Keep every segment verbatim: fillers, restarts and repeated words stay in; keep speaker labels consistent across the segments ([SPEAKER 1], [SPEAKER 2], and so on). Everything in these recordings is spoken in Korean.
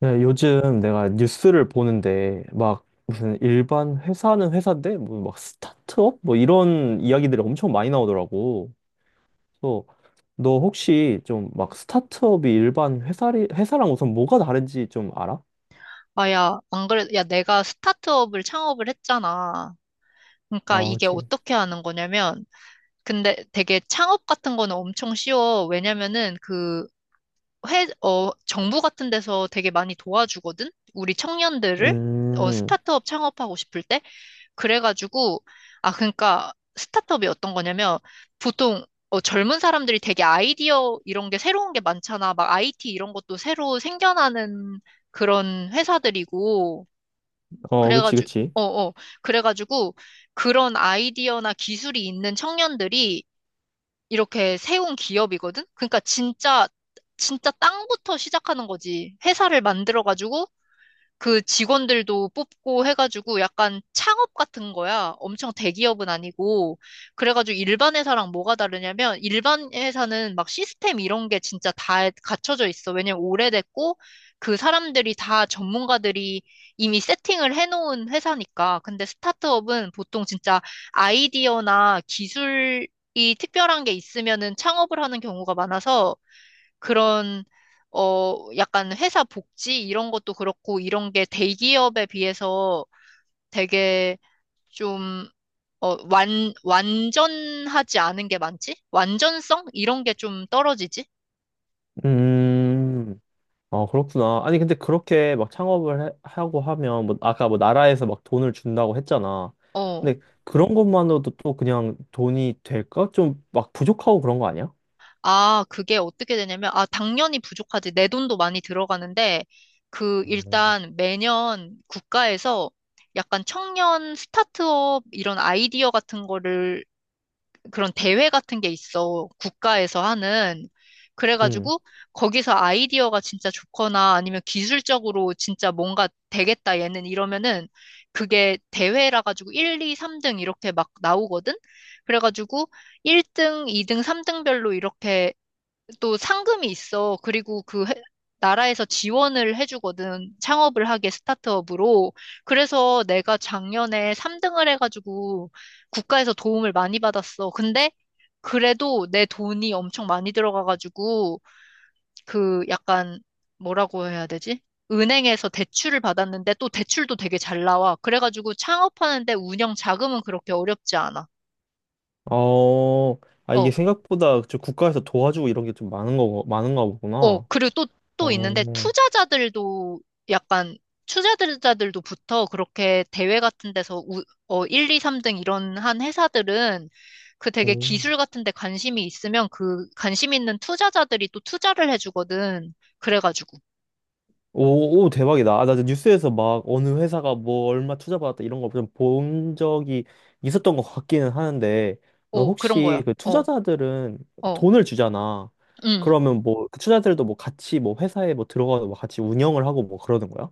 [SPEAKER 1] 네, 요즘 내가 뉴스를 보는데 막 무슨 일반 회사는 회사인데 뭐 막 스타트업 뭐 이런 이야기들이 엄청 많이 나오더라고. 그래서 너 혹시 좀 막 스타트업이 일반 회사리 회사랑 우선 뭐가 다른지 좀 알아?
[SPEAKER 2] 아, 야, 안 그래. 야, 내가 스타트업을 창업을 했잖아. 그러니까
[SPEAKER 1] 아,
[SPEAKER 2] 이게
[SPEAKER 1] 그렇지.
[SPEAKER 2] 어떻게 하는 거냐면, 근데 되게 창업 같은 거는 엄청 쉬워. 왜냐면은 그 회, 어, 정부 같은 데서 되게 많이 도와주거든? 우리 청년들을? 어,
[SPEAKER 1] 음,
[SPEAKER 2] 스타트업 창업하고 싶을 때? 그래가지고, 아, 그러니까 스타트업이 어떤 거냐면, 보통 어, 젊은 사람들이 되게 아이디어 이런 게 새로운 게 많잖아. 막 아이티 이런 것도 새로 생겨나는 그런 회사들이고,
[SPEAKER 1] 어, 그치,
[SPEAKER 2] 그래가지고,
[SPEAKER 1] 그치.
[SPEAKER 2] 어, 어. 그래가지고 그런 아이디어나 기술이 있는 청년들이 이렇게 세운 기업이거든? 그러니까 진짜, 진짜 땅부터 시작하는 거지. 회사를 만들어가지고 그 직원들도 뽑고 해가지고 약간 창업 같은 거야. 엄청 대기업은 아니고. 그래가지고 일반 회사랑 뭐가 다르냐면 일반 회사는 막 시스템 이런 게 진짜 다 갖춰져 있어. 왜냐면 오래됐고 그 사람들이 다 전문가들이 이미 세팅을 해놓은 회사니까. 근데 스타트업은 보통 진짜 아이디어나 기술이 특별한 게 있으면은 창업을 하는 경우가 많아서 그런 어 약간 회사 복지 이런 것도 그렇고 이런 게 대기업에 비해서 되게 좀 어, 완, 완전하지 않은 게 많지? 완전성? 이런 게 좀 떨어지지?
[SPEAKER 1] 음, 아, 그렇구나. 아니, 근데 그렇게 막 창업을 해- 하고 하면, 뭐, 아까 뭐 나라에서 막 돈을 준다고 했잖아.
[SPEAKER 2] 어.
[SPEAKER 1] 근데 그런 것만으로도 또 그냥 돈이 될까? 좀 막 부족하고 그런 거 아니야?
[SPEAKER 2] 아, 그게 어떻게 되냐면, 아, 당연히 부족하지. 내 돈도 많이 들어가는데, 그,
[SPEAKER 1] 음.
[SPEAKER 2] 일단 매년 국가에서 약간 청년 스타트업 이런 아이디어 같은 거를 그런 대회 같은 게 있어. 국가에서 하는.
[SPEAKER 1] 응.
[SPEAKER 2] 그래가지고 거기서 아이디어가 진짜 좋거나 아니면 기술적으로 진짜 뭔가 되겠다 얘는 이러면은 그게 대회라 가지고 일, 이, 삼 등 이렇게 막 나오거든? 그래가지고 일 등, 이 등, 삼 등별로 이렇게 또 상금이 있어. 그리고 그 해- 나라에서 지원을 해주거든. 창업을 하게 스타트업으로. 그래서 내가 작년에 삼 등을 해가지고 국가에서 도움을 많이 받았어. 근데 그래도 내 돈이 엄청 많이 들어가가지고 그 약간 뭐라고 해야 되지? 은행에서 대출을 받았는데 또 대출도 되게 잘 나와. 그래가지고 창업하는데 운영 자금은 그렇게 어렵지 않아.
[SPEAKER 1] 어, 아, 이게
[SPEAKER 2] 어.
[SPEAKER 1] 생각보다 저 국가에서 도와주고 이런 게 좀 많은 거, 많은가
[SPEAKER 2] 어,
[SPEAKER 1] 보구나.
[SPEAKER 2] 그리고 또, 또 있는데,
[SPEAKER 1] 어,
[SPEAKER 2] 투자자들도 약간, 투자자들도 붙어 그렇게 대회 같은 데서 우, 어, 일, 이, 삼 등 이런 한 회사들은 그 되게
[SPEAKER 1] 오.
[SPEAKER 2] 기술 같은 데 관심이 있으면 그 관심 있는 투자자들이 또 투자를 해주거든. 그래가지고.
[SPEAKER 1] 오, 오, 대박이다. 아, 나 뉴스에서 막 어느 회사가 뭐 얼마 투자받았다 이런 거 좀 본 적이 있었던 것 같기는 하는데, 너
[SPEAKER 2] 어, 그런
[SPEAKER 1] 혹시
[SPEAKER 2] 거야.
[SPEAKER 1] 그
[SPEAKER 2] 어,
[SPEAKER 1] 투자자들은
[SPEAKER 2] 어,
[SPEAKER 1] 돈을 주잖아.
[SPEAKER 2] 음.
[SPEAKER 1] 그러면 뭐 그 투자자들도 뭐 같이 뭐 회사에 뭐 들어가서 뭐 같이 운영을 하고 뭐 그러는 거야?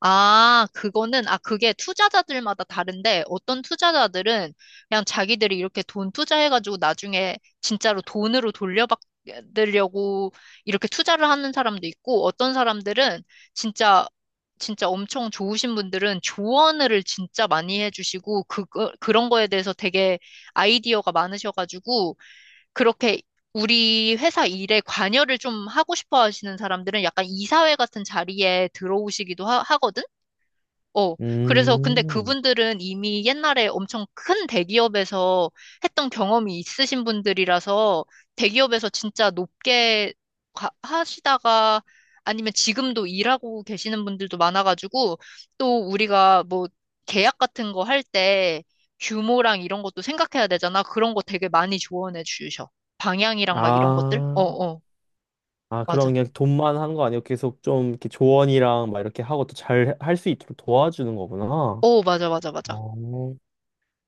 [SPEAKER 2] 아, 그거는, 아, 그게 투자자들마다 다른데, 어떤 투자자들은 그냥 자기들이 이렇게 돈 투자해가지고 나중에 진짜로 돈으로 돌려받으려고 이렇게 투자를 하는 사람도 있고, 어떤 사람들은 진짜, 진짜 엄청 좋으신 분들은 조언을 진짜 많이 해주시고, 그, 그- 그런 거에 대해서 되게 아이디어가 많으셔가지고, 그렇게 우리 회사 일에 관여를 좀 하고 싶어 하시는 사람들은 약간 이사회 같은 자리에 들어오시기도 하, 거든. 어, 그래서 근데
[SPEAKER 1] 음,
[SPEAKER 2] 그분들은 이미 옛날에 엄청 큰 대기업에서 했던 경험이 있으신 분들이라서 대기업에서 진짜 높게 가- 하시다가 아니면 지금도 일하고 계시는 분들도 많아가지고 또 우리가 뭐 계약 같은 거 할 때 규모랑 이런 것도 생각해야 되잖아. 그런 거 되게 많이 조언해 주셔. 방향이랑 막 이런 것들? 어,
[SPEAKER 1] 아,
[SPEAKER 2] 어,
[SPEAKER 1] 아, 그럼
[SPEAKER 2] 맞아.
[SPEAKER 1] 그냥 돈만 한 거 아니고 계속 좀 이렇게 조언이랑 막 이렇게 하고 또 잘 할 수 있도록 도와주는 거구나.
[SPEAKER 2] 어, 맞아, 맞아, 맞아.
[SPEAKER 1] 어.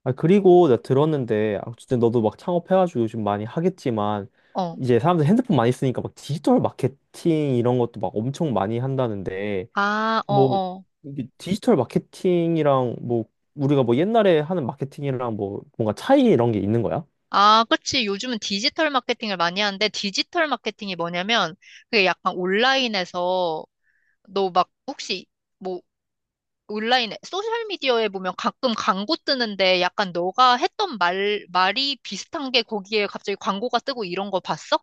[SPEAKER 1] 아, 그리고 나 들었는데, 아, 어쨌든 너도 막 창업해가지고 요즘 많이 하겠지만,
[SPEAKER 2] 어.
[SPEAKER 1] 이제 사람들 핸드폰 많이 쓰니까 막 디지털 마케팅 이런 것도 막 엄청 많이 한다는데,
[SPEAKER 2] 아, 어,
[SPEAKER 1] 뭐,
[SPEAKER 2] 어.
[SPEAKER 1] 이게 디지털 마케팅이랑 뭐, 우리가 뭐 옛날에 하는 마케팅이랑 뭐, 뭔가 차이 이런 게 있는 거야?
[SPEAKER 2] 아, 그치. 요즘은 디지털 마케팅을 많이 하는데, 디지털 마케팅이 뭐냐면, 그게 약간 온라인에서, 너 막, 혹시, 뭐, 온라인에, 소셜미디어에 보면 가끔 광고 뜨는데, 약간 너가 했던 말, 말이 비슷한 게 거기에 갑자기 광고가 뜨고 이런 거 봤어?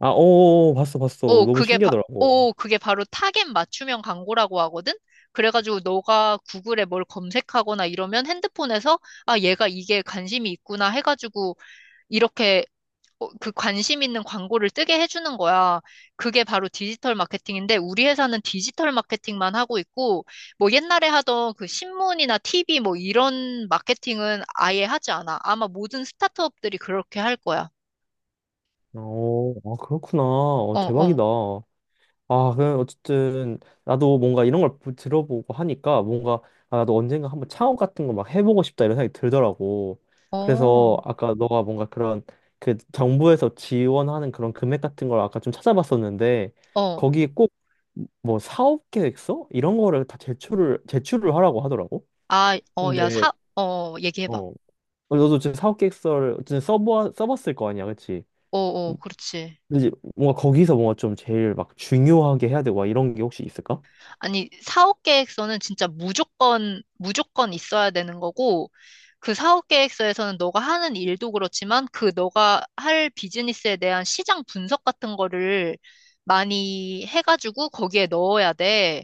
[SPEAKER 1] 아, 어, 어, 어, 봤어, 봤어.
[SPEAKER 2] 오,
[SPEAKER 1] 너무
[SPEAKER 2] 그게, 바,
[SPEAKER 1] 신기하더라고.
[SPEAKER 2] 오, 그게 바로 타겟 맞춤형 광고라고 하거든? 그래가지고 너가 구글에 뭘 검색하거나 이러면 핸드폰에서, 아, 얘가 이게 관심이 있구나 해가지고, 이렇게 어, 그 관심 있는 광고를 뜨게 해주는 거야. 그게 바로 디지털 마케팅인데, 우리 회사는 디지털 마케팅만 하고 있고, 뭐 옛날에 하던 그 신문이나 티비 뭐 이런 마케팅은 아예 하지 않아. 아마 모든 스타트업들이 그렇게 할 거야.
[SPEAKER 1] 어, 아, 그렇구나. 어,
[SPEAKER 2] 어, 어,
[SPEAKER 1] 대박이다. 아, 그 어쨌든 나도 뭔가 이런 걸 부- 들어보고 하니까 뭔가 아, 나도 언젠가 한번 창업 같은 거 막 해보고 싶다 이런 생각이 들더라고. 그래서
[SPEAKER 2] 어,
[SPEAKER 1] 아까 너가 뭔가 그런 그 정부에서 지원하는 그런 금액 같은 걸 아까 좀 찾아봤었는데
[SPEAKER 2] 어.
[SPEAKER 1] 거기 꼭 뭐 사업 계획서 이런 거를 다 제출을 제출을 하라고 하더라고.
[SPEAKER 2] 아, 어, 야,
[SPEAKER 1] 근데
[SPEAKER 2] 사, 어, 얘기해봐.
[SPEAKER 1] 어 너도 지금 사업 계획서를 어쨌든 써보 써봤을 거 아니야, 그치.
[SPEAKER 2] 어, 어, 그렇지.
[SPEAKER 1] 근데 이제 뭔가 거기서 뭔가 좀 제일 막 중요하게 해야 되고 막 이런 게 혹시 있을까?
[SPEAKER 2] 아니, 사업 계획서는 진짜 무조건, 무조건 있어야 되는 거고, 그 사업 계획서에서는 너가 하는 일도 그렇지만, 그 너가 할 비즈니스에 대한 시장 분석 같은 거를 많이 해가지고 거기에 넣어야 돼.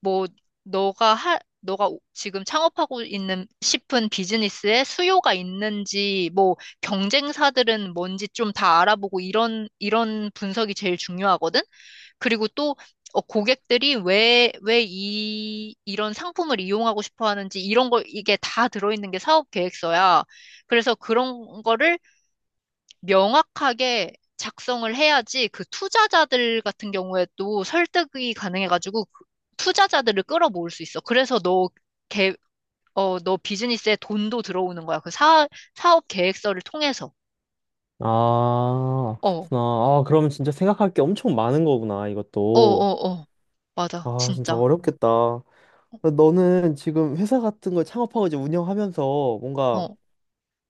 [SPEAKER 2] 뭐, 너가 할, 너가 오- 지금 창업하고 있는 싶은 비즈니스에 수요가 있는지, 뭐, 경쟁사들은 뭔지 좀 다 알아보고 이런, 이런 분석이 제일 중요하거든? 그리고 또 어, 고객들이 왜, 왜 이, 이런 상품을 이용하고 싶어 하는지 이런 걸 이게 다 들어있는 게 사업 계획서야. 그래서 그런 거를 명확하게 작성을 해야지 그 투자자들 같은 경우에 도 설득이 가능해가지고 그 투자자들을 끌어모을 수 있어. 그래서 너 개, 어, 너 비즈니스에 돈도 들어오는 거야. 그 사, 사업 계획서를 통해서.
[SPEAKER 1] 아,
[SPEAKER 2] 어, 어,
[SPEAKER 1] 그렇구나. 아, 그럼 진짜 생각할 게 엄청 많은 거구나,
[SPEAKER 2] 어,
[SPEAKER 1] 이것도.
[SPEAKER 2] 어. 맞아.
[SPEAKER 1] 아, 진짜
[SPEAKER 2] 진짜.
[SPEAKER 1] 어렵겠다. 너는 지금 회사 같은 걸 창업하고 이제 운영하면서 뭔가
[SPEAKER 2] 어,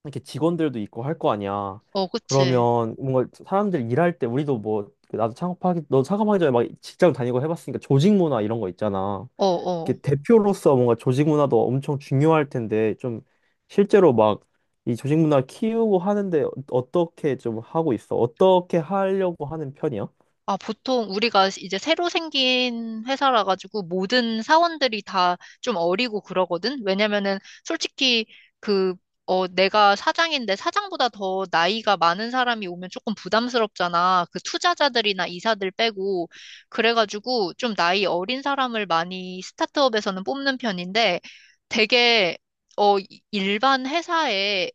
[SPEAKER 1] 이렇게 직원들도 있고 할 거 아니야.
[SPEAKER 2] 어, 그치.
[SPEAKER 1] 그러면 뭔가 사람들 일할 때 우리도 뭐, 나도 창업하기, 너 창업하기 전에 막 직장 다니고 해봤으니까 조직 문화 이런 거 있잖아.
[SPEAKER 2] 어, 어.
[SPEAKER 1] 이렇게 대표로서 뭔가 조직 문화도 엄청 중요할 텐데 좀 실제로 막 이 조직 문화 키우고 하는데 어- 어떻게 좀 하고 있어? 어떻게 하려고 하는 편이야?
[SPEAKER 2] 아, 보통 우리가 이제 새로 생긴 회사라 가지고 모든 사원들이 다 좀 어리고 그러거든? 왜냐면은 솔직히 그, 어, 내가 사장인데 사장보다 더 나이가 많은 사람이 오면 조금 부담스럽잖아. 그 투자자들이나 이사들 빼고. 그래가지고 좀 나이 어린 사람을 많이 스타트업에서는 뽑는 편인데 되게, 어, 일반 회사에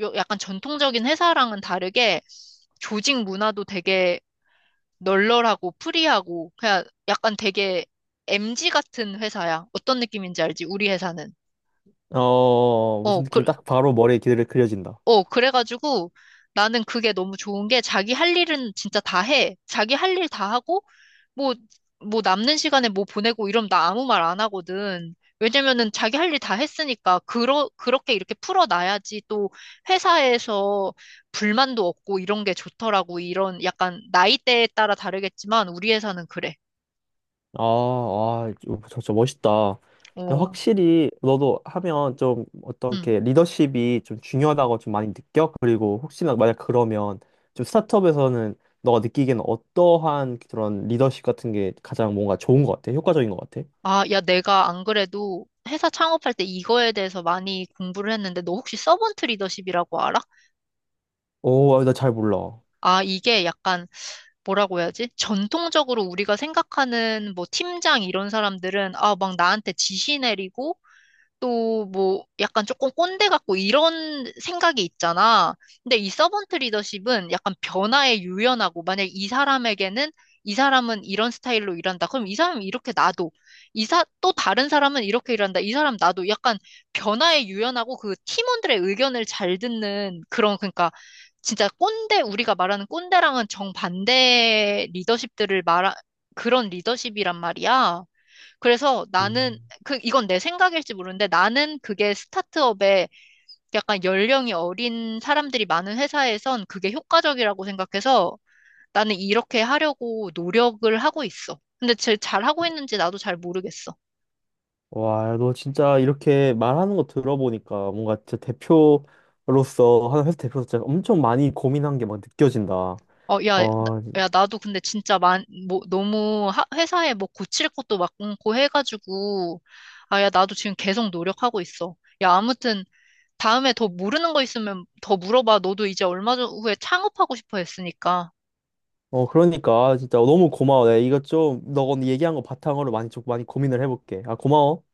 [SPEAKER 2] 요- 약간 전통적인 회사랑은 다르게 조직 문화도 되게 널널하고 프리하고 그냥 약간 되게 엠지 같은 회사야. 어떤 느낌인지 알지? 우리 회사는.
[SPEAKER 1] 어,
[SPEAKER 2] 어,
[SPEAKER 1] 무슨
[SPEAKER 2] 그,
[SPEAKER 1] 느낌이 딱 바로 머리에 기대를 그려진다.
[SPEAKER 2] 어, 그래가지고 나는 그게 너무 좋은 게 자기 할 일은 진짜 다 해. 자기 할 일 다 하고 뭐, 뭐 남는 시간에 뭐 보내고 이러면 나 아무 말 안 하거든. 왜냐면은 자기 할 일 다 했으니까 그러, 그렇게 이렇게 풀어놔야지 또 회사에서 불만도 없고 이런 게 좋더라고. 이런 약간 나이대에 따라 다르겠지만 우리 회사는 그래.
[SPEAKER 1] 아, 아, 저, 저 멋있다.
[SPEAKER 2] 어.
[SPEAKER 1] 확실히 너도 하면 좀
[SPEAKER 2] 음.
[SPEAKER 1] 어떻게 리더십이 좀 중요하다고 좀 많이 느껴? 그리고 혹시나 만약 그러면 좀 스타트업에서는 너가 느끼기에는 어떠한 그런 리더십 같은 게 가장 뭔가 좋은 것 같아? 효과적인 것 같아?
[SPEAKER 2] 아, 야, 내가 안 그래도 회사 창업할 때 이거에 대해서 많이 공부를 했는데, 너 혹시 서번트 리더십이라고 알아?
[SPEAKER 1] 오, 나 잘 몰라.
[SPEAKER 2] 아, 이게 약간 뭐라고 해야지? 전통적으로 우리가 생각하는 뭐 팀장 이런 사람들은, 아, 막 나한테 지시 내리고, 또 뭐 약간 조금 꼰대 같고 이런 생각이 있잖아. 근데 이 서번트 리더십은 약간 변화에 유연하고 만약 이 사람에게는 이 사람은 이런 스타일로 일한다. 그럼 이 사람은 이렇게 놔둬. 이사 또 다른 사람은 이렇게 일한다. 이 사람 놔둬. 약간 변화에 유연하고 그 팀원들의 의견을 잘 듣는 그런 그러니까 진짜 꼰대 우리가 말하는 꼰대랑은 정반대 리더십들을 말하 그런 리더십이란 말이야. 그래서 나는
[SPEAKER 1] 음.
[SPEAKER 2] 그 이건 내 생각일지 모르는데 나는 그게 스타트업에 약간 연령이 어린 사람들이 많은 회사에선 그게 효과적이라고 생각해서 나는 이렇게 하려고 노력을 하고 있어. 근데 제 잘 하고 있는지 나도 잘 모르겠어.
[SPEAKER 1] 와, 너 진짜 이렇게 말하는 거 들어보니까 뭔가 진짜 대표로서, 한 회사 대표로서 진짜 엄청 많이 고민한 게 막 느껴진다. 어,
[SPEAKER 2] 어, 야, 나, 야, 나도 근데 진짜 만, 뭐, 너무 하- 회사에 뭐 고칠 것도 많고 해가지고, 아, 야, 나도 지금 계속 노력하고 있어. 야, 아무튼 다음에 더 모르는 거 있으면 더 물어봐. 너도 이제 얼마 전 후에 창업하고 싶어 했으니까.
[SPEAKER 1] 어, 그러니까 진짜 너무 고마워. 내가 이거 좀, 너가 오늘 얘기한 거 바탕으로 많이 좀 많이 고민을 해볼게. 아, 고마워.